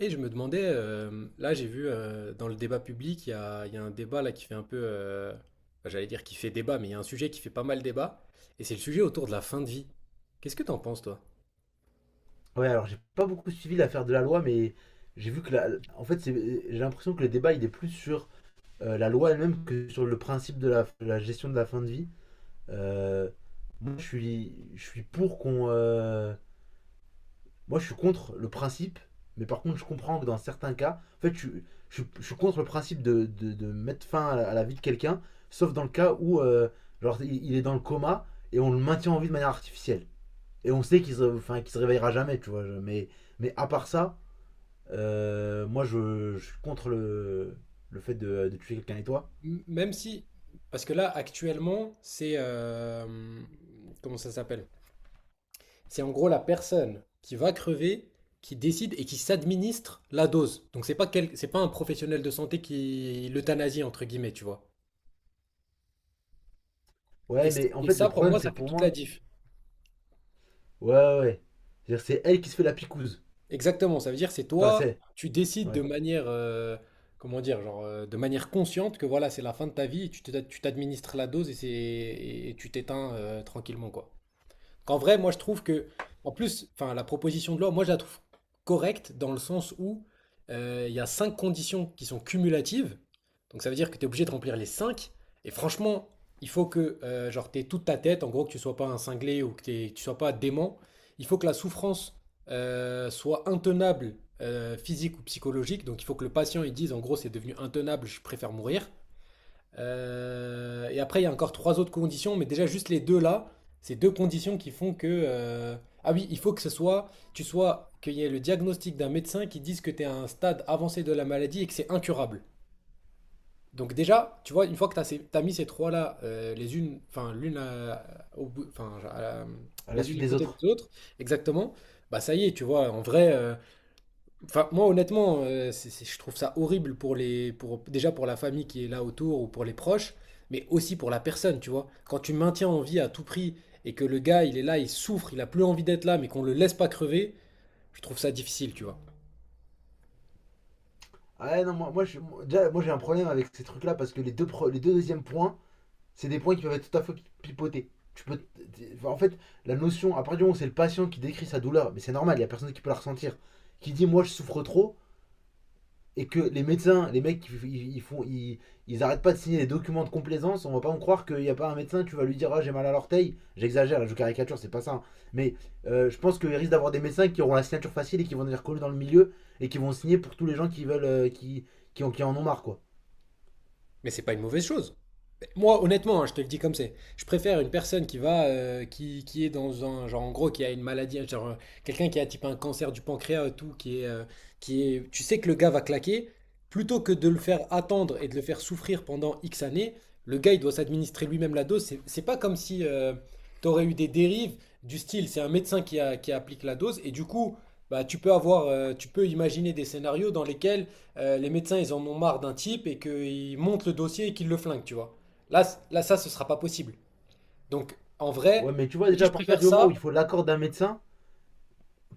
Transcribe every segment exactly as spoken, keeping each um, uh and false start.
Et je me demandais, euh, là j'ai vu euh, dans le débat public, il y a, il y a un débat là qui fait un peu, euh, bah, j'allais dire qui fait débat, mais il y a un sujet qui fait pas mal débat, et c'est le sujet autour de la fin de vie. Qu'est-ce que t'en penses, toi? Ouais, alors j'ai pas beaucoup suivi l'affaire de la loi, mais j'ai vu que la... en fait, c'est- j'ai l'impression que le débat il est plus sur euh, la loi elle-même que sur le principe de la, la gestion de la fin de vie. Euh, Moi, je suis, je suis pour qu'on, euh, moi, je suis contre le principe, mais par contre, je comprends que dans certains cas, en fait, je, suis- je, suis- je suis contre le principe de, de, de mettre fin à la, à la vie de quelqu'un, sauf dans le cas où, euh, genre, il il est dans le coma et on le maintient en vie de manière artificielle. Et on sait qu'il se, enfin, qu'il se réveillera jamais, tu vois. je- Mais, mais à part ça, euh, moi, je, je suis contre le, le fait de, de tuer quelqu'un et toi. M- Même si, parce que là actuellement, c'est, euh, comment ça s'appelle? C'est en gros la personne qui va crever, qui décide et qui s'administre la dose. Donc c'est pas quel- c'est pas un professionnel de santé qui l'euthanasie entre guillemets, tu vois. Et, Ouais, mais en et fait, le ça pour problème, moi, c'est ça que fait pour toute la moi, diff. ouais, ouais, ouais. C'est-à-dire, c'est elle qui se fait la picouse. Exactement, ça veut dire c'est Enfin, toi, c'est, tu décides de ouais, manière, euh, comment dire, genre, euh, de manière consciente que voilà, c'est la fin de ta vie et tu te- tu t'administres la dose et, c'est, et tu t'éteins euh, tranquillement, quoi. Qu'en vrai, moi, je trouve que, en plus, enfin, la proposition de loi, moi, je la trouve correcte dans le sens où euh, il y a cinq conditions qui sont cumulatives. Donc, ça veut dire que tu es obligé de remplir les cinq. Et franchement, il faut que, euh, genre, t'aies toute ta tête, en gros, que tu sois pas un cinglé ou que, t'aies- tu sois pas dément. Il faut que la souffrance euh, soit intenable, euh, physique ou psychologique. Donc, il faut que le patient, il dise, en gros, c'est devenu intenable, je préfère mourir. Euh, et après, il y a encore trois autres conditions, mais déjà juste les deux là, ces deux conditions qui font que... euh, Ah oui, il faut que ce soit, tu sois, qu'il y ait le diagnostic d'un médecin qui dise que tu es à un stade avancé de la maladie et que c'est incurable. Donc déjà, tu vois, une fois que tu as mis ces trois-là, euh, les unes, enfin l'une à- au bout- enfin à la- à la les unes suite à des côté autres. des autres, exactement, bah ça y est, tu vois, en vrai, euh, enfin, moi, honnêtement, euh, c'est- c'est- je trouve ça horrible pour les, pour, déjà pour la famille qui est là autour ou pour les proches, mais aussi pour la personne, tu vois. Quand tu maintiens en vie à tout prix et que le gars, il est là, il souffre, il a plus envie d'être là, mais qu'on le laisse pas crever, je trouve ça difficile, tu vois. Ah ouais, non, moi, moi, je- moi- déjà, moi, j'ai un problème avec ces trucs-là parce que les deux, pro- les deux deuxièmes points, c'est des points qui peuvent être tout à fait pipotés. Tu peux, t- t- enfin, en fait, la notion, à partir du moment où c'est le patient qui décrit sa douleur, mais c'est normal, il n'y a personne qui peut la ressentir, qui dit, moi, je souffre trop, et que les médecins, les mecs, ils, ils font, ils, ils arrêtent pas de signer des documents de complaisance, on va pas en croire qu'il n'y a pas un médecin, tu vas lui dire ah, j'ai mal à l'orteil. J'exagère, je caricature, c'est pas ça, hein. Mais euh, je pense qu'il risque d'avoir des médecins qui auront la signature facile et qui vont venir coller dans le milieu et qui vont signer pour tous les gens qui veulent, euh, qui, qui, ont qui en ont marre, quoi. Mais c'est pas une mauvaise chose. Moi, honnêtement, hein, je te le dis comme c'est. Je préfère une personne qui va, euh, qui, qui est dans un genre, en gros, qui a une maladie, genre euh, quelqu'un qui a type un cancer du pancréas et tout, qui est, euh, qui est, tu sais que le gars va claquer, plutôt que de le faire attendre et de le faire souffrir pendant X années. Le gars, il doit s'administrer lui-même la dose. C'est c'est pas comme si tu aurais eu des dérives du style, c'est un médecin qui, a- qui applique la dose et du coup. Bah, tu peux avoir, euh, tu peux imaginer des scénarios dans lesquels euh, les médecins ils en ont marre d'un type et qu'ils montent le dossier et qu'ils le flinguent, tu vois. Là, c- là, ça, ce sera pas possible. Donc, en Ouais, vrai, mais tu vois, je me dis, déjà, à je partir préfère du moment où ça. il faut l'accord d'un médecin,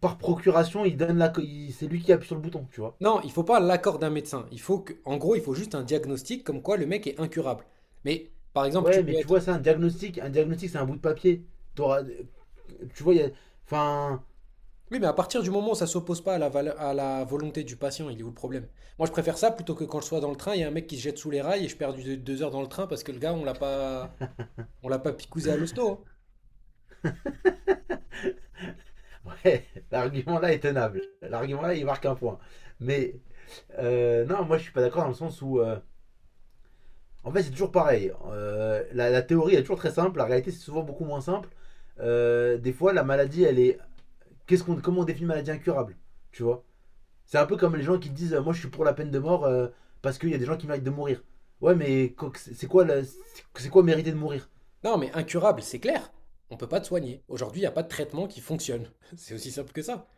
par procuration, il donne la, il- c'est lui qui appuie sur le bouton, tu vois. Non, il faut pas l'accord d'un médecin. Il faut que, en gros, il faut juste un diagnostic comme quoi le mec est incurable. Mais, par exemple, tu Ouais, peux mais tu être. vois, c'est un diagnostic. Un diagnostic, c'est un bout de papier. T'auras- tu vois, il y a, enfin. Oui, mais à partir du moment où ça s'oppose pas à la, vale- à la volonté du patient, il est où le problème? Moi, je préfère ça plutôt que quand je sois dans le train, il y a un mec qui se jette sous les rails et je perds du- deux heures dans le train parce que le gars, on l'a pas, on l'a pas picousé à l'hosto, hein. Ouais, l'argument-là est tenable. L'argument-là, il marque un point. Mais euh, non, moi, je suis pas d'accord dans le sens où. euh, En fait, c'est toujours pareil. Euh, la, la théorie elle est toujours très simple. La réalité, c'est souvent beaucoup moins simple. Euh, des fois, la maladie, elle est. Qu'est-ce qu'on, comment on définit maladie incurable? Tu vois. C'est un peu comme les gens qui disent euh, moi, je suis pour la peine de mort, euh, parce qu'il y a des gens qui méritent de mourir. Ouais, mais co- c'est quoi, la- c'est- c'est quoi mériter de mourir? Non, mais incurable, c'est clair. On peut pas te soigner. Aujourd'hui, il n'y a pas de traitement qui fonctionne. C'est aussi simple que ça.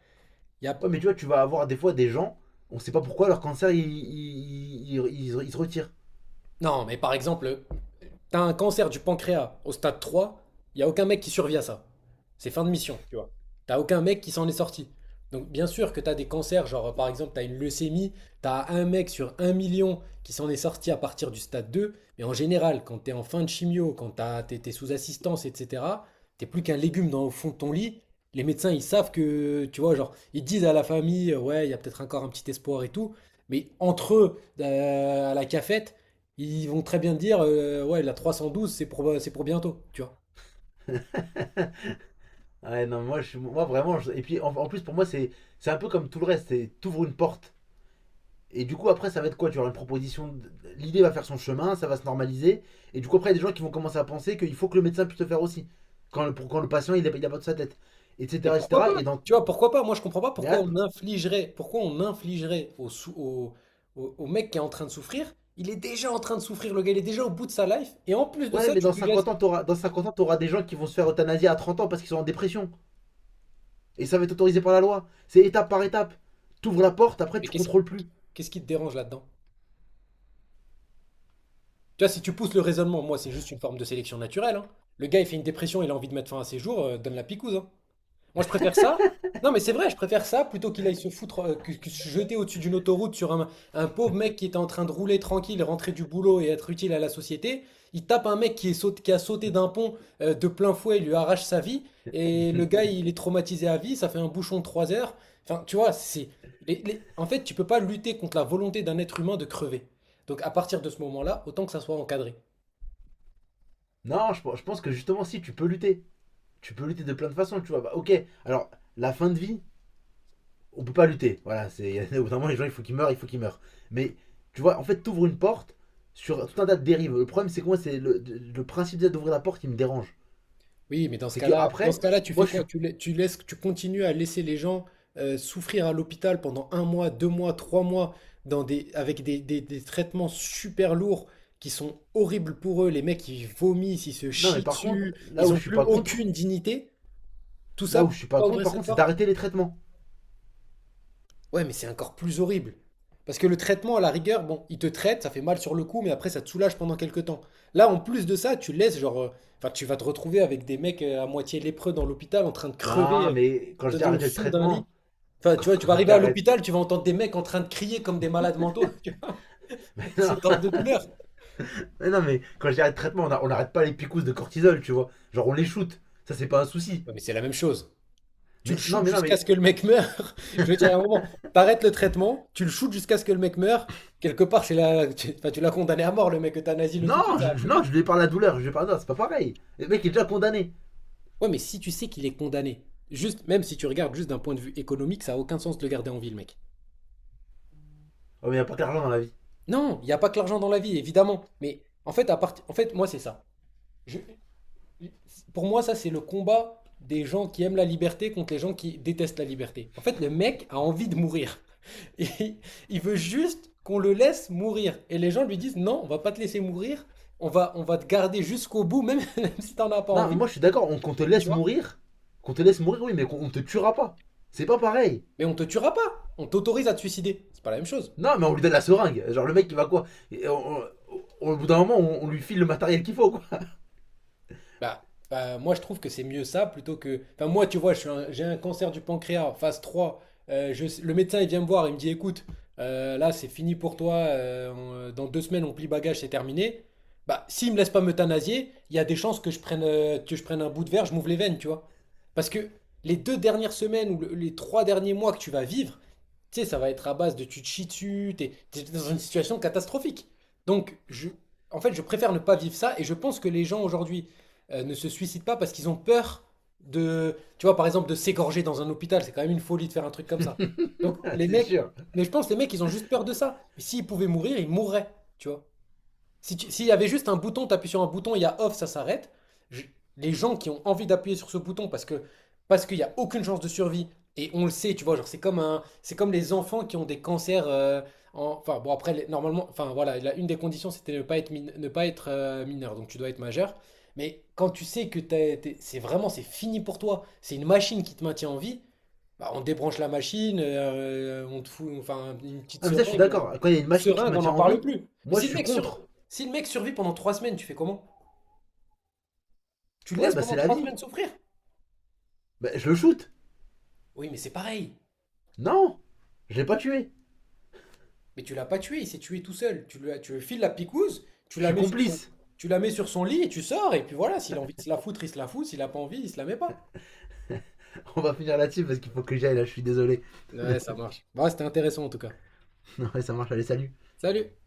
Il y a... Ouais, mais tu vois, tu vas avoir des fois des gens, on sait pas pourquoi leur cancer, il, il- il- il- il se retire. Non, mais par exemple, t'as un cancer du pancréas au stade trois, il y a aucun mec qui survit à ça. C'est fin de mission, tu vois. T'as aucun mec qui s'en est sorti. Donc bien sûr que t'as des cancers, genre par exemple t'as une leucémie, t'as un mec sur un million qui s'en est sorti à partir du stade deux, mais en général, quand t'es en fin de chimio, quand t'as- t'es t'es sous assistance, et cetera, t'es plus qu'un légume dans, au fond de ton lit, les médecins ils savent que, tu vois, genre, ils disent à la famille, euh, ouais, il y a peut-être encore un petit espoir et tout, mais entre eux, euh, à la cafette, ils vont très bien te dire, euh, ouais, la trois cent douze, c'est pour, euh, c'est pour bientôt, tu vois. Ouais, non, moi, je, suis- moi vraiment. je- Et puis en, en plus, pour moi, c'est c'est un peu comme tout le reste. C'est t'ouvres une porte. Et du coup, après, ça va être quoi? Tu auras une proposition. De- L'idée va faire son chemin, ça va se normaliser. Et du coup, après, il y a des gens qui vont commencer à penser qu'il faut que le médecin puisse le faire aussi. Quand le, pour, quand le patient, il n'a pas de sa tête. Etc. Et et cetera. Et pourquoi pas? cetera. Et dans, Tu vois, pourquoi pas? Moi, je comprends pas mais pourquoi on attends, infligerait, pourquoi on infligerait au, sou- au, au- au mec qui est en train de souffrir. Il est déjà en train de souffrir, le gars, il est déjà au bout de sa life. Et en plus de ouais, ça, mais tu dans lui laisses. cinquante ans, t'auras, dans cinquante ans, t'auras des gens qui vont se faire euthanasier à trente ans parce qu'ils sont en dépression. Et ça va être autorisé par la loi. C'est étape par étape. T'ouvres la porte, après, Mais tu qu'est-ce contrôles plus. qu'est-ce qui te dérange là-dedans? Tu vois, si tu pousses le raisonnement, moi, c'est juste une forme de sélection naturelle, hein. Le gars, il fait une dépression, il a envie de mettre fin à ses jours, euh, donne la picouse, hein. Moi, je préfère ça. Non, mais c'est vrai, je préfère ça plutôt qu'il aille se foutre, euh, que, que se jeter au-dessus d'une autoroute sur un, un pauvre mec qui était en train de rouler tranquille, rentrer du boulot et être utile à la société. Il tape un mec qui, est saut- qui a sauté d'un pont euh, de plein fouet, il lui arrache sa vie. Et le gars, il est traumatisé à vie, ça fait un bouchon de 3 heures. Enfin, tu vois, c'est. les- les- En fait, tu peux pas lutter contre la volonté d'un être humain de crever. Donc, à partir de ce moment-là, autant que ça soit encadré. Non, je, pense- je pense que justement, si, tu peux lutter. Tu peux lutter de plein de façons, tu vois. Bah, ok, alors la fin de vie, on peut pas lutter. Voilà, c'est au bout d'un moment, les gens, il faut qu'ils meurent, il faut qu'ils meurent. Mais tu vois, en fait, t'ouvres une porte sur tout un tas de dérives. Le problème, c'est que moi, c'est le, le principe d'ouvrir la porte qui me dérange. Oui, mais dans ce C'est que cas-là, dans après, ce cas-là, tu moi, fais je suis. quoi? Tu, la- tu laisses, tu continues à laisser les gens euh, souffrir à l'hôpital pendant un mois, deux mois, trois mois, dans des, avec des, des- des traitements super lourds qui sont horribles pour eux. Les mecs, ils vomissent, ils se Non, mais chient par contre, dessus, là ils où n'ont je suis plus pas contre, aucune dignité. Tout là ça où je pour suis pas pas contre, ouvrir par cette contre, c'est porte? d'arrêter les traitements. Ouais, mais c'est encore plus horrible. Parce que le traitement, à la rigueur, bon, il te traite, ça fait mal sur le coup, mais après, ça te soulage pendant quelques temps. Là, en plus de ça, tu laisses, genre, euh, enfin, tu vas te retrouver avec des mecs euh, à moitié lépreux dans l'hôpital, en train de crever Non, mais quand je euh, dis dans- au arrêter le fond d'un lit. traitement, Enfin, quand tu vois, tu vas je arriver dis à arrête. l'hôpital, tu vas entendre des mecs en train de crier comme des malades mentaux, tu vois, Mais non, cet ordre de douleur. mais, non, mais quand je dis arrête le traitement, on a- on n'arrête pas les picousses de cortisol, tu vois. Genre, on les shoot. Ça, c'est pas un souci. Ouais, mais c'est la même chose. Tu le Mais non, shootes mais non, jusqu'à mais ce que le mec meure. Je veux dire, à un moment, t'arrêtes le traitement, tu le shootes jusqu'à ce que le mec meure. Quelque part, c'est la... tu enfin, tu l'as condamné à mort, le mec, euthanasie-le tout de suite, non, ça va je, plus non, vite. je lui ai parlé à douleur, je lui ai parlé, non, c'est pas pareil. Le mec est déjà condamné. Ouais, mais si tu sais qu'il est condamné, juste, même si tu regardes juste d'un point de vue économique, ça a aucun sens de le garder en ville, mec. Oh, mais y a pas que l'argent dans la vie. Non, il n'y a pas que l'argent dans la vie, évidemment. Mais en fait, à partir, en fait, moi, c'est ça. Je- Pour moi, ça, c'est le combat des gens qui aiment la liberté contre les gens qui détestent la liberté. En fait, le mec a envie de mourir. Et il veut juste qu'on le laisse mourir. Et les gens lui disent, non, on va pas te laisser mourir. On va, on va te garder jusqu'au bout, même, même si t'en as pas Non, mais envie, moi je suis d'accord, on- qu'on te tu laisse vois. mourir, qu'on te laisse mourir, oui, mais qu'on te tuera pas. C'est pas pareil. Mais on te tuera pas. On t'autorise à te suicider. C'est pas la même chose. Non, mais on lui donne la seringue. Genre, le mec, il va quoi? on- on- Au bout d'un moment, on, on lui file le matériel qu'il faut, quoi. Bah, bah, moi, je trouve que c'est mieux ça plutôt que. Enfin, moi, tu vois, je suis un- j'ai un cancer du pancréas, phase trois. Euh, je- Le médecin, il vient me voir, il me dit, écoute, euh, là, c'est fini pour toi. Euh, on- euh, dans deux semaines, on plie bagage, c'est terminé. Bah, s'il me laisse pas m'euthanasier, il y a des chances que je prenne, euh, que je prenne un bout de verre, je m'ouvre les veines, tu vois. Parce que les deux dernières semaines ou le- les trois derniers mois que tu vas vivre, tu sais, ça va être à base de tu te chies dessus, t'es, t'es dans une situation catastrophique. Donc, je, en fait, je préfère ne pas vivre ça et je pense que les gens aujourd'hui euh, ne se suicident pas parce qu'ils ont peur de, tu vois, par exemple, de s'égorger dans un hôpital. C'est quand même une folie de faire un truc comme ça. Donc les C'est mecs, sûr. mais je pense que les mecs, ils ont juste peur de ça. Mais s'ils pouvaient mourir, ils mourraient, tu vois. Si tu- S'il y avait juste un bouton, tu appuies sur un bouton, il y a off, ça s'arrête. Je- les gens qui ont envie d'appuyer sur ce bouton parce que parce qu'il n'y a aucune chance de survie, et on le sait, tu vois, genre c'est comme un, c'est comme les enfants qui ont des cancers. Euh, en- enfin bon après les- normalement, enfin voilà, la- une des conditions c'était ne pas être min- ne pas être euh, mineur, donc tu dois être majeur. Mais quand tu sais que t'es- t'es- c'est vraiment c'est fini pour toi, c'est une machine qui te maintient en vie, bah, on débranche la machine, euh, on te fout enfin une petite Ah, mais ça, je suis seringue, et on- d'accord. Quand il y a une machine qui te seringue, on n'en maintient en parle vie, plus. Mais moi, je si le suis mec sur- contre. si le mec survit pendant trois semaines, tu fais comment? Tu le Ouais, laisses bah, c'est pendant la trois vie. semaines souffrir? Bah, je le shoot. Oui, mais c'est pareil. Non, je l'ai pas tué. Mais tu l'as pas tué, il s'est tué tout seul. Tu lui, as- tu lui files la picouse, tu Je la suis mets sur son, complice. tu la mets sur son lit et tu sors. Et puis voilà, s'il a envie de se la foutre, il se la fout. S'il a pas envie, il se la met pas. On va finir là-dessus parce qu'il faut que j'aille, là, je suis désolé. Ouais, ça marche. Bah, c'était intéressant en tout cas. Non Ouais, ça marche, allez, salut. Salut!